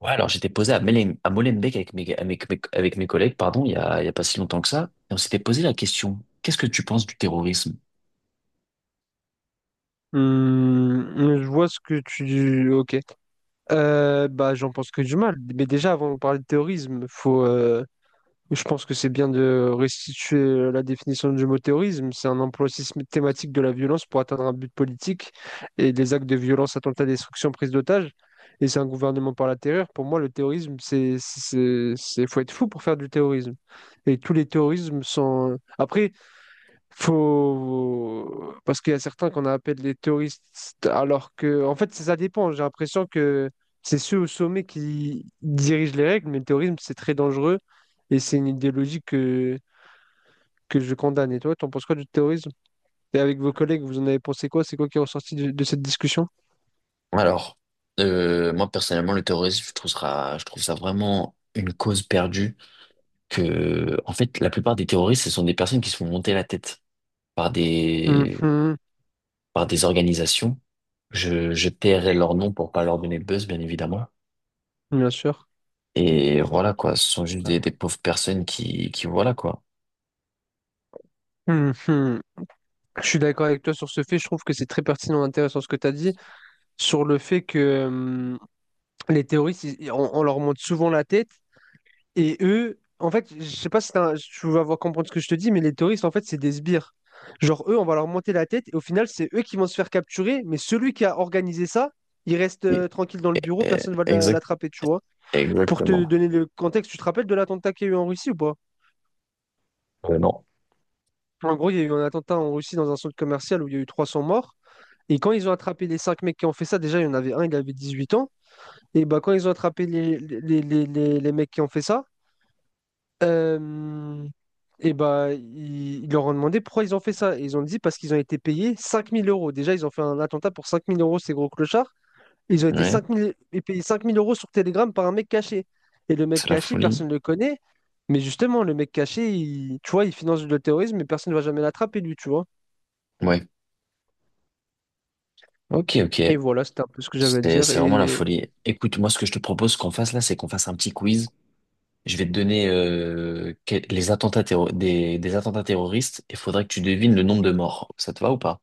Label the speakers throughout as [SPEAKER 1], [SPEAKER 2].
[SPEAKER 1] Ouais, alors j'étais posé à Molenbeek avec mes collègues, pardon, il y a pas si longtemps que ça, et on s'était posé la question: qu'est-ce que tu penses du terrorisme?
[SPEAKER 2] Hmm, je vois ce que tu... Ok. Bah, j'en pense que du mal. Mais déjà, avant de parler de terrorisme, je pense que c'est bien de restituer la définition du mot terrorisme. C'est un emploi systématique de la violence pour atteindre un but politique et des actes de violence, attentats, destruction, prise d'otages. Et c'est un gouvernement par la terreur. Pour moi, le terrorisme, faut être fou pour faire du terrorisme. Et tous les terrorismes sont... Après, faut... Parce qu'il y a certains qu'on appelle les terroristes, alors que, en fait, ça dépend. J'ai l'impression que c'est ceux au sommet qui dirigent les règles, mais le terrorisme, c'est très dangereux et c'est une idéologie que je condamne. Et toi, t'en penses quoi du terrorisme? Et avec vos collègues, vous en avez pensé quoi? C'est quoi qui est ressorti de cette discussion?
[SPEAKER 1] Alors, moi personnellement, le terrorisme, je trouve ça vraiment une cause perdue. Que, en fait, la plupart des terroristes, ce sont des personnes qui se font monter la tête par des,
[SPEAKER 2] Mhm,
[SPEAKER 1] par des organisations. Je tairai leur nom pour pas leur donner le buzz, bien évidemment.
[SPEAKER 2] bien sûr.
[SPEAKER 1] Et voilà quoi, ce sont juste des pauvres personnes qui voilà quoi.
[SPEAKER 2] Mhm. Je suis d'accord avec toi sur ce fait. Je trouve que c'est très pertinent et intéressant ce que tu as dit sur le fait que les terroristes, on leur monte souvent la tête. Et eux, en fait, je sais pas si tu vas avoir comprendre ce que je te dis, mais les terroristes, en fait, c'est des sbires. Genre, eux, on va leur monter la tête et au final, c'est eux qui vont se faire capturer, mais celui qui a organisé ça, il reste
[SPEAKER 1] Et-
[SPEAKER 2] tranquille dans le bureau,
[SPEAKER 1] et-
[SPEAKER 2] personne va
[SPEAKER 1] Exact,
[SPEAKER 2] l'attraper, tu vois. Pour te
[SPEAKER 1] Exactement.
[SPEAKER 2] donner le contexte, tu te rappelles de l'attentat qu'il y a eu en Russie ou pas?
[SPEAKER 1] Non.
[SPEAKER 2] En gros, il y a eu un attentat en Russie dans un centre commercial où il y a eu 300 morts. Et quand ils ont attrapé les cinq mecs qui ont fait ça, déjà, il y en avait un, il avait 18 ans. Et bah, quand ils ont attrapé les mecs qui ont fait ça, Euh, et bah, ils leur ont demandé pourquoi ils ont fait ça. Et ils ont dit parce qu'ils ont été payés 5000 euros. Déjà, ils ont fait un attentat pour 5000 euros, ces gros clochards. Ils ont été
[SPEAKER 1] Ouais,
[SPEAKER 2] 5 000, et payés 5 000 € sur Telegram par un mec caché. Et le mec
[SPEAKER 1] c'est la
[SPEAKER 2] caché,
[SPEAKER 1] folie.
[SPEAKER 2] personne ne le connaît. Mais justement, le mec caché, tu vois, il finance le terrorisme, mais personne ne va jamais l'attraper, lui, tu vois.
[SPEAKER 1] Ouais. Ok, ok.
[SPEAKER 2] Et voilà, c'était un peu ce que j'avais à dire.
[SPEAKER 1] C'est vraiment la
[SPEAKER 2] Et
[SPEAKER 1] folie. Écoute, moi, ce que je te propose qu'on fasse là, c'est qu'on fasse un petit quiz. Je vais te donner que- les attentats terro- des attentats terroristes et il faudrait que tu devines le nombre de morts. Ça te va ou pas?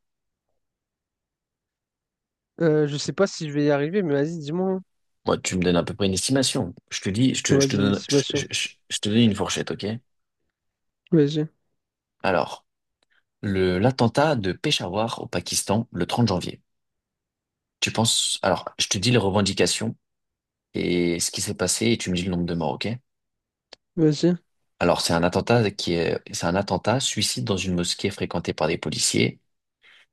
[SPEAKER 2] je sais pas si je vais y arriver, mais vas-y, dis-moi, hein.
[SPEAKER 1] Moi, tu me donnes à peu près une estimation.
[SPEAKER 2] Vas-y, Sébastien.
[SPEAKER 1] Je te donne une fourchette, ok?
[SPEAKER 2] Vas-y,
[SPEAKER 1] Alors, l'attentat de Peshawar au Pakistan le 30 janvier. Tu penses, alors, je te dis les revendications et ce qui s'est passé et tu me dis le nombre de morts, ok?
[SPEAKER 2] vas-y.
[SPEAKER 1] Alors, c'est un attentat suicide dans une mosquée fréquentée par des policiers.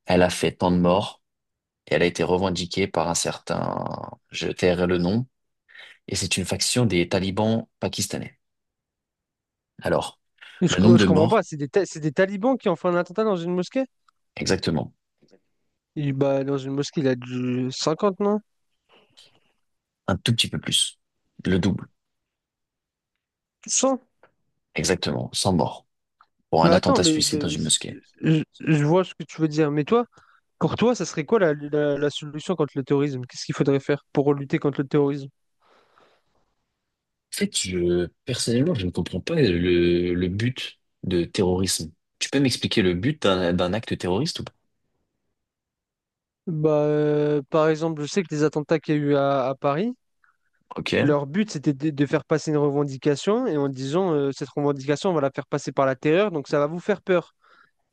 [SPEAKER 1] Elle a fait tant de morts et elle a été revendiquée par un certain, je tairai le nom, et c'est une faction des talibans pakistanais. Alors, le nombre
[SPEAKER 2] Je
[SPEAKER 1] de
[SPEAKER 2] comprends pas,
[SPEAKER 1] morts,
[SPEAKER 2] c'est des talibans qui ont fait un attentat dans une mosquée?
[SPEAKER 1] exactement.
[SPEAKER 2] Bah, dans une mosquée, il a du 50, non?
[SPEAKER 1] Un tout petit peu plus. Le double,
[SPEAKER 2] 100?
[SPEAKER 1] exactement, sans mort, pour
[SPEAKER 2] Mais
[SPEAKER 1] un
[SPEAKER 2] attends,
[SPEAKER 1] attentat
[SPEAKER 2] mais,
[SPEAKER 1] suicide dans
[SPEAKER 2] mais
[SPEAKER 1] une mosquée.
[SPEAKER 2] je vois ce que tu veux dire. Mais toi, pour toi, ça serait quoi la solution contre le terrorisme? Qu'est-ce qu'il faudrait faire pour lutter contre le terrorisme?
[SPEAKER 1] En fait, personnellement, je ne comprends pas le but de terrorisme. Tu peux m'expliquer le but d'un acte terroriste ou pas?
[SPEAKER 2] Bah, par exemple, je sais que les attentats qu'il y a eu à Paris,
[SPEAKER 1] Ok,
[SPEAKER 2] leur but c'était de faire passer une revendication et en disant cette revendication, on va la faire passer par la terreur, donc ça va vous faire peur.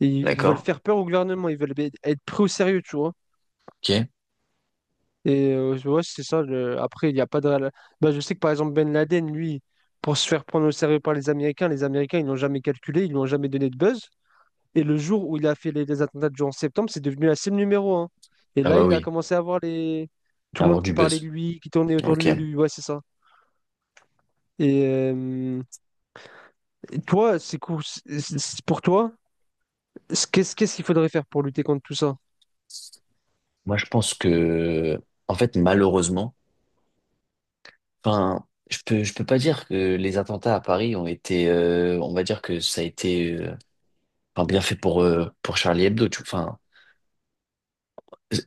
[SPEAKER 2] Et ils veulent
[SPEAKER 1] d'accord.
[SPEAKER 2] faire peur au gouvernement, ils veulent être pris au sérieux, tu vois.
[SPEAKER 1] Ok.
[SPEAKER 2] Et ouais, c'est ça. Après, il n'y a pas de réel- Bah, je sais que par exemple, Ben Laden, lui, pour se faire prendre au sérieux par les Américains, ils l'ont jamais calculé, ils lui ont jamais donné de buzz. Et le jour où il a fait les attentats du 11 septembre, c'est devenu la cible numéro un. Et
[SPEAKER 1] Ah
[SPEAKER 2] là,
[SPEAKER 1] bah
[SPEAKER 2] il a
[SPEAKER 1] oui,
[SPEAKER 2] commencé à voir les... tout le monde
[SPEAKER 1] avoir du
[SPEAKER 2] qui parlait de
[SPEAKER 1] buzz.
[SPEAKER 2] lui, qui tournait autour de
[SPEAKER 1] Ok.
[SPEAKER 2] lui. Ouais, c'est ça. Et, euh, et toi, c'est cool. Pour toi, qu'est-ce qu'il faudrait faire pour lutter contre tout ça?
[SPEAKER 1] Moi, je pense que, en fait, malheureusement, enfin, je peux pas dire que les attentats à Paris ont été, on va dire que ça a été, enfin, bien fait pour Charlie Hebdo. Enfin,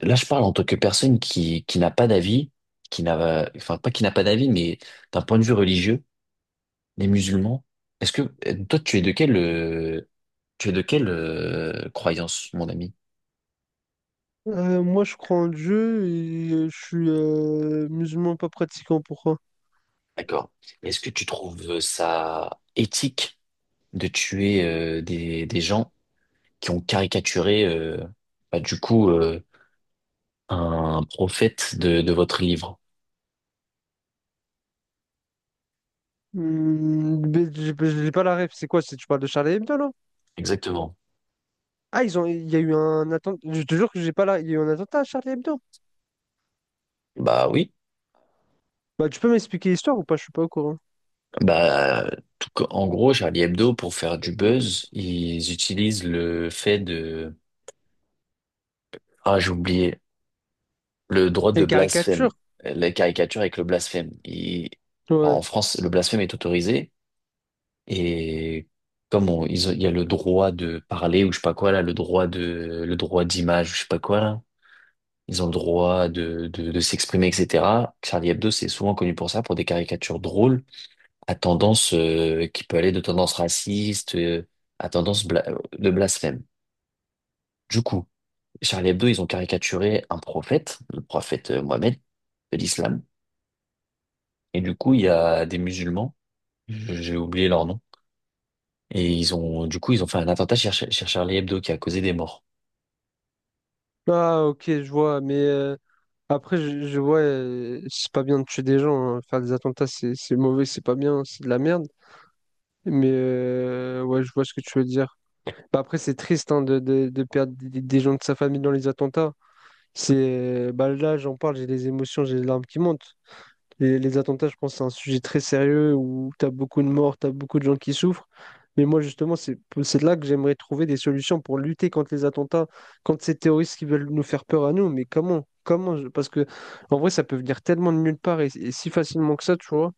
[SPEAKER 1] là, je parle en tant que personne qui n'a pas d'avis, qui n'a, enfin, pas qui n'a pas d'avis, mais d'un point de vue religieux, les musulmans. Est-ce que, toi, tu es de quelle, croyance, mon ami?
[SPEAKER 2] Moi, je crois en Dieu et je suis musulman pas pratiquant. Pourquoi?
[SPEAKER 1] D'accord. Est-ce que tu trouves ça éthique de tuer, des gens qui ont caricaturé, bah, du coup, un prophète de votre livre?
[SPEAKER 2] Mais j'ai pas la ref. C'est quoi? Tu parles de Charlie Hebdo, là?
[SPEAKER 1] Exactement.
[SPEAKER 2] Ah, il y a eu un attentat. Je te jure que j'ai pas là. Il y a eu un attentat à Charlie Hebdo.
[SPEAKER 1] Bah oui.
[SPEAKER 2] Bah, tu peux m'expliquer l'histoire ou pas? Je suis pas au courant.
[SPEAKER 1] Bah, en gros, Charlie Hebdo, pour faire du buzz, ils utilisent le fait de... Ah, j'ai oublié. Le droit de
[SPEAKER 2] Les
[SPEAKER 1] blasphème.
[SPEAKER 2] caricatures.
[SPEAKER 1] La caricature avec le blasphème. En
[SPEAKER 2] Ouais.
[SPEAKER 1] France, le blasphème est autorisé. Et comme on- ils ont- il y a le droit de parler ou je sais pas quoi, là, le droit d'image ou je sais pas quoi, là. Ils ont le droit de s'exprimer, etc. Charlie Hebdo, c'est souvent connu pour ça, pour des caricatures drôles à tendance, qui peut aller de tendance raciste, à tendance de blasphème. Du coup, Charlie Hebdo, ils ont caricaturé un prophète, le prophète Mohammed de l'islam. Et du coup, il y a des musulmans, j'ai oublié leur nom, et du coup, ils ont fait un attentat chez Charlie Hebdo qui a causé des morts.
[SPEAKER 2] Ah, ok, je vois, mais après, je vois, c'est pas bien de tuer des gens, hein. Faire des attentats, c'est mauvais, c'est pas bien, c'est de la merde. Mais ouais, je vois ce que tu veux dire. Bah, après, c'est triste hein, de perdre des gens de sa famille dans les attentats. Bah, là, j'en parle, j'ai des émotions, j'ai les larmes qui montent. Les attentats, je pense que c'est un sujet très sérieux où tu as beaucoup de morts, tu as beaucoup de gens qui souffrent. Mais moi, justement, c'est là que j'aimerais trouver des solutions pour lutter contre les attentats, contre ces terroristes qui veulent nous faire peur à nous. Mais comment? Comment? Parce que, en vrai, ça peut venir tellement de nulle part et si facilement que ça, tu vois.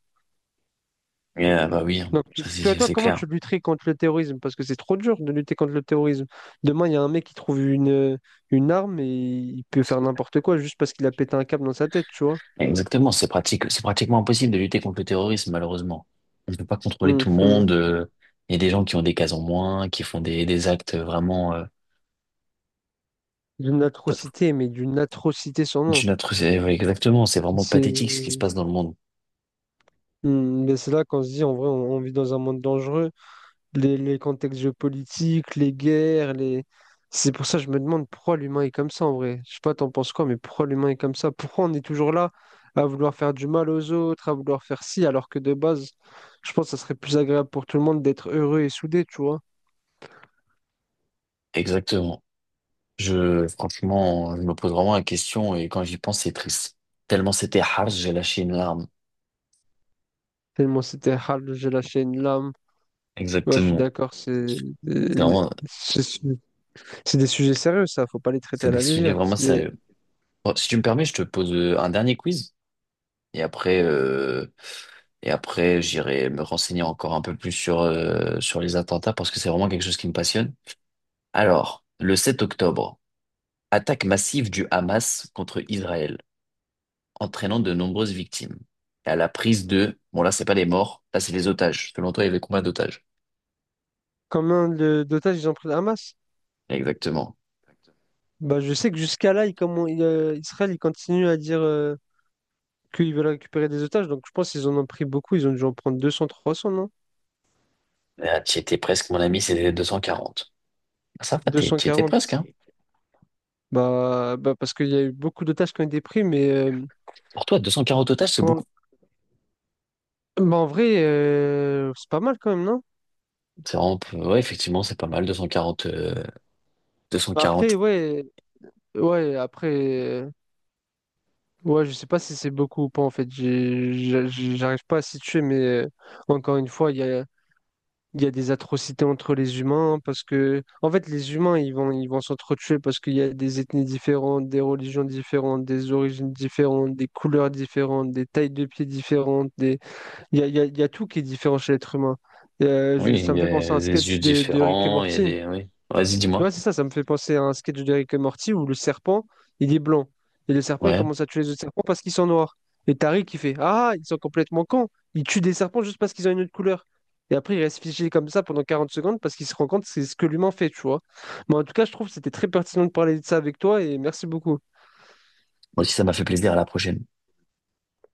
[SPEAKER 1] Bah oui, hein,
[SPEAKER 2] Donc, tu-
[SPEAKER 1] ça
[SPEAKER 2] toi, toi,
[SPEAKER 1] c'est
[SPEAKER 2] comment
[SPEAKER 1] clair.
[SPEAKER 2] tu lutterais contre le terrorisme? Parce que c'est trop dur de lutter contre le terrorisme. Demain, il y a un mec qui trouve une arme et il peut faire n'importe quoi juste parce qu'il a pété un câble dans sa tête, tu vois.
[SPEAKER 1] Exactement, c'est pratiquement impossible de lutter contre le terrorisme, malheureusement. On ne peut pas contrôler tout le
[SPEAKER 2] Mhm.
[SPEAKER 1] monde. Il y a des gens qui ont des cases en moins, qui font des actes vraiment.
[SPEAKER 2] D'une atrocité, mais d'une atrocité sans nom.
[SPEAKER 1] D'une atrocité. Oui, exactement. C'est vraiment
[SPEAKER 2] C'est
[SPEAKER 1] pathétique ce qui se passe dans le monde.
[SPEAKER 2] mais c'est là qu'on se dit, en vrai, on vit dans un monde dangereux. Les contextes géopolitiques, les guerres, les... C'est pour ça que je me demande pourquoi l'humain est comme ça, en vrai. Je sais pas, t'en penses quoi, mais pourquoi l'humain est comme ça? Pourquoi on est toujours là à vouloir faire du mal aux autres, à vouloir faire ci, alors que de base, je pense que ça serait plus agréable pour tout le monde d'être heureux et soudé, tu vois.
[SPEAKER 1] Exactement. Franchement, je me pose vraiment la question et quand j'y pense, c'est triste. Tellement c'était harsh, j'ai lâché une larme.
[SPEAKER 2] Tellement c'était hal, j'ai lâché une lame. Ouais, je suis
[SPEAKER 1] Exactement.
[SPEAKER 2] d'accord,
[SPEAKER 1] C'est vraiment,
[SPEAKER 2] c'est- c'est des sujets sérieux, ça, faut pas les traiter
[SPEAKER 1] c'est
[SPEAKER 2] à
[SPEAKER 1] des
[SPEAKER 2] la
[SPEAKER 1] sujets
[SPEAKER 2] légère.
[SPEAKER 1] vraiment
[SPEAKER 2] C'est des...
[SPEAKER 1] sérieux. Bon, si tu me permets, je te pose un dernier quiz et après, euh, et après, j'irai me renseigner encore un peu plus sur les attentats parce que c'est vraiment quelque chose qui me passionne. Alors, le 7 octobre, attaque massive du Hamas contre Israël, entraînant de nombreuses victimes. Et à la prise de, bon là, c'est pas les morts, là, c'est les otages. Selon toi, il y avait combien d'otages?
[SPEAKER 2] Combien d'otages ils ont pris le Hamas?
[SPEAKER 1] Exactement.
[SPEAKER 2] Bah, je sais que jusqu'à là, Israël il continue à dire qu'ils veulent récupérer des otages, donc je pense qu'ils en ont pris beaucoup, ils ont dû en prendre 200, trois 300, non?
[SPEAKER 1] Ah, tu étais presque, mon ami, c'était 240. Ah, ça va,
[SPEAKER 2] Deux cent
[SPEAKER 1] tu étais
[SPEAKER 2] quarante.
[SPEAKER 1] presque, hein.
[SPEAKER 2] Bah, bah parce qu'il y a eu beaucoup d'otages qui ont été pris, mais
[SPEAKER 1] Pour toi, 240 otages, c'est beaucoup.
[SPEAKER 2] bah, en vrai, c'est pas mal quand même, non?
[SPEAKER 1] Ouais, effectivement, c'est pas mal, 240, deux cent
[SPEAKER 2] Bah, après,
[SPEAKER 1] quarante.
[SPEAKER 2] ouais, après, euh, ouais, je sais pas si c'est beaucoup ou pas en fait. J'arrive pas à situer, mais euh, encore une fois, il y a. Il y a des atrocités entre les humains parce que, en fait, les humains, ils vont s'entretuer parce qu'il y a des ethnies différentes, des religions différentes, des origines différentes, des couleurs différentes, des tailles de pieds différentes. Des... Il y a, il y a tout qui est différent chez l'être humain.
[SPEAKER 1] Oui,
[SPEAKER 2] Ça
[SPEAKER 1] il
[SPEAKER 2] me
[SPEAKER 1] y
[SPEAKER 2] fait penser à
[SPEAKER 1] a
[SPEAKER 2] un
[SPEAKER 1] des yeux
[SPEAKER 2] sketch de Rick et
[SPEAKER 1] différents, il y a
[SPEAKER 2] Morty.
[SPEAKER 1] des, oui. Vas-y,
[SPEAKER 2] Ouais,
[SPEAKER 1] dis-moi.
[SPEAKER 2] c'est ça, ça me fait penser à un sketch de Rick et Morty où le serpent, il est blanc. Et le serpent, il
[SPEAKER 1] Ouais.
[SPEAKER 2] commence à tuer les autres serpents parce qu'ils sont noirs. Et Tariq, il fait Ah, ils sont complètement cons. Ils tuent des serpents juste parce qu'ils ont une autre couleur. Et après, il reste figé comme ça pendant 40 secondes parce qu'il se rend compte que c'est ce que l'humain fait, tu vois. Mais en tout cas, je trouve que c'était très pertinent de parler de ça avec toi et merci beaucoup.
[SPEAKER 1] Moi aussi, ça m'a fait plaisir, à la prochaine.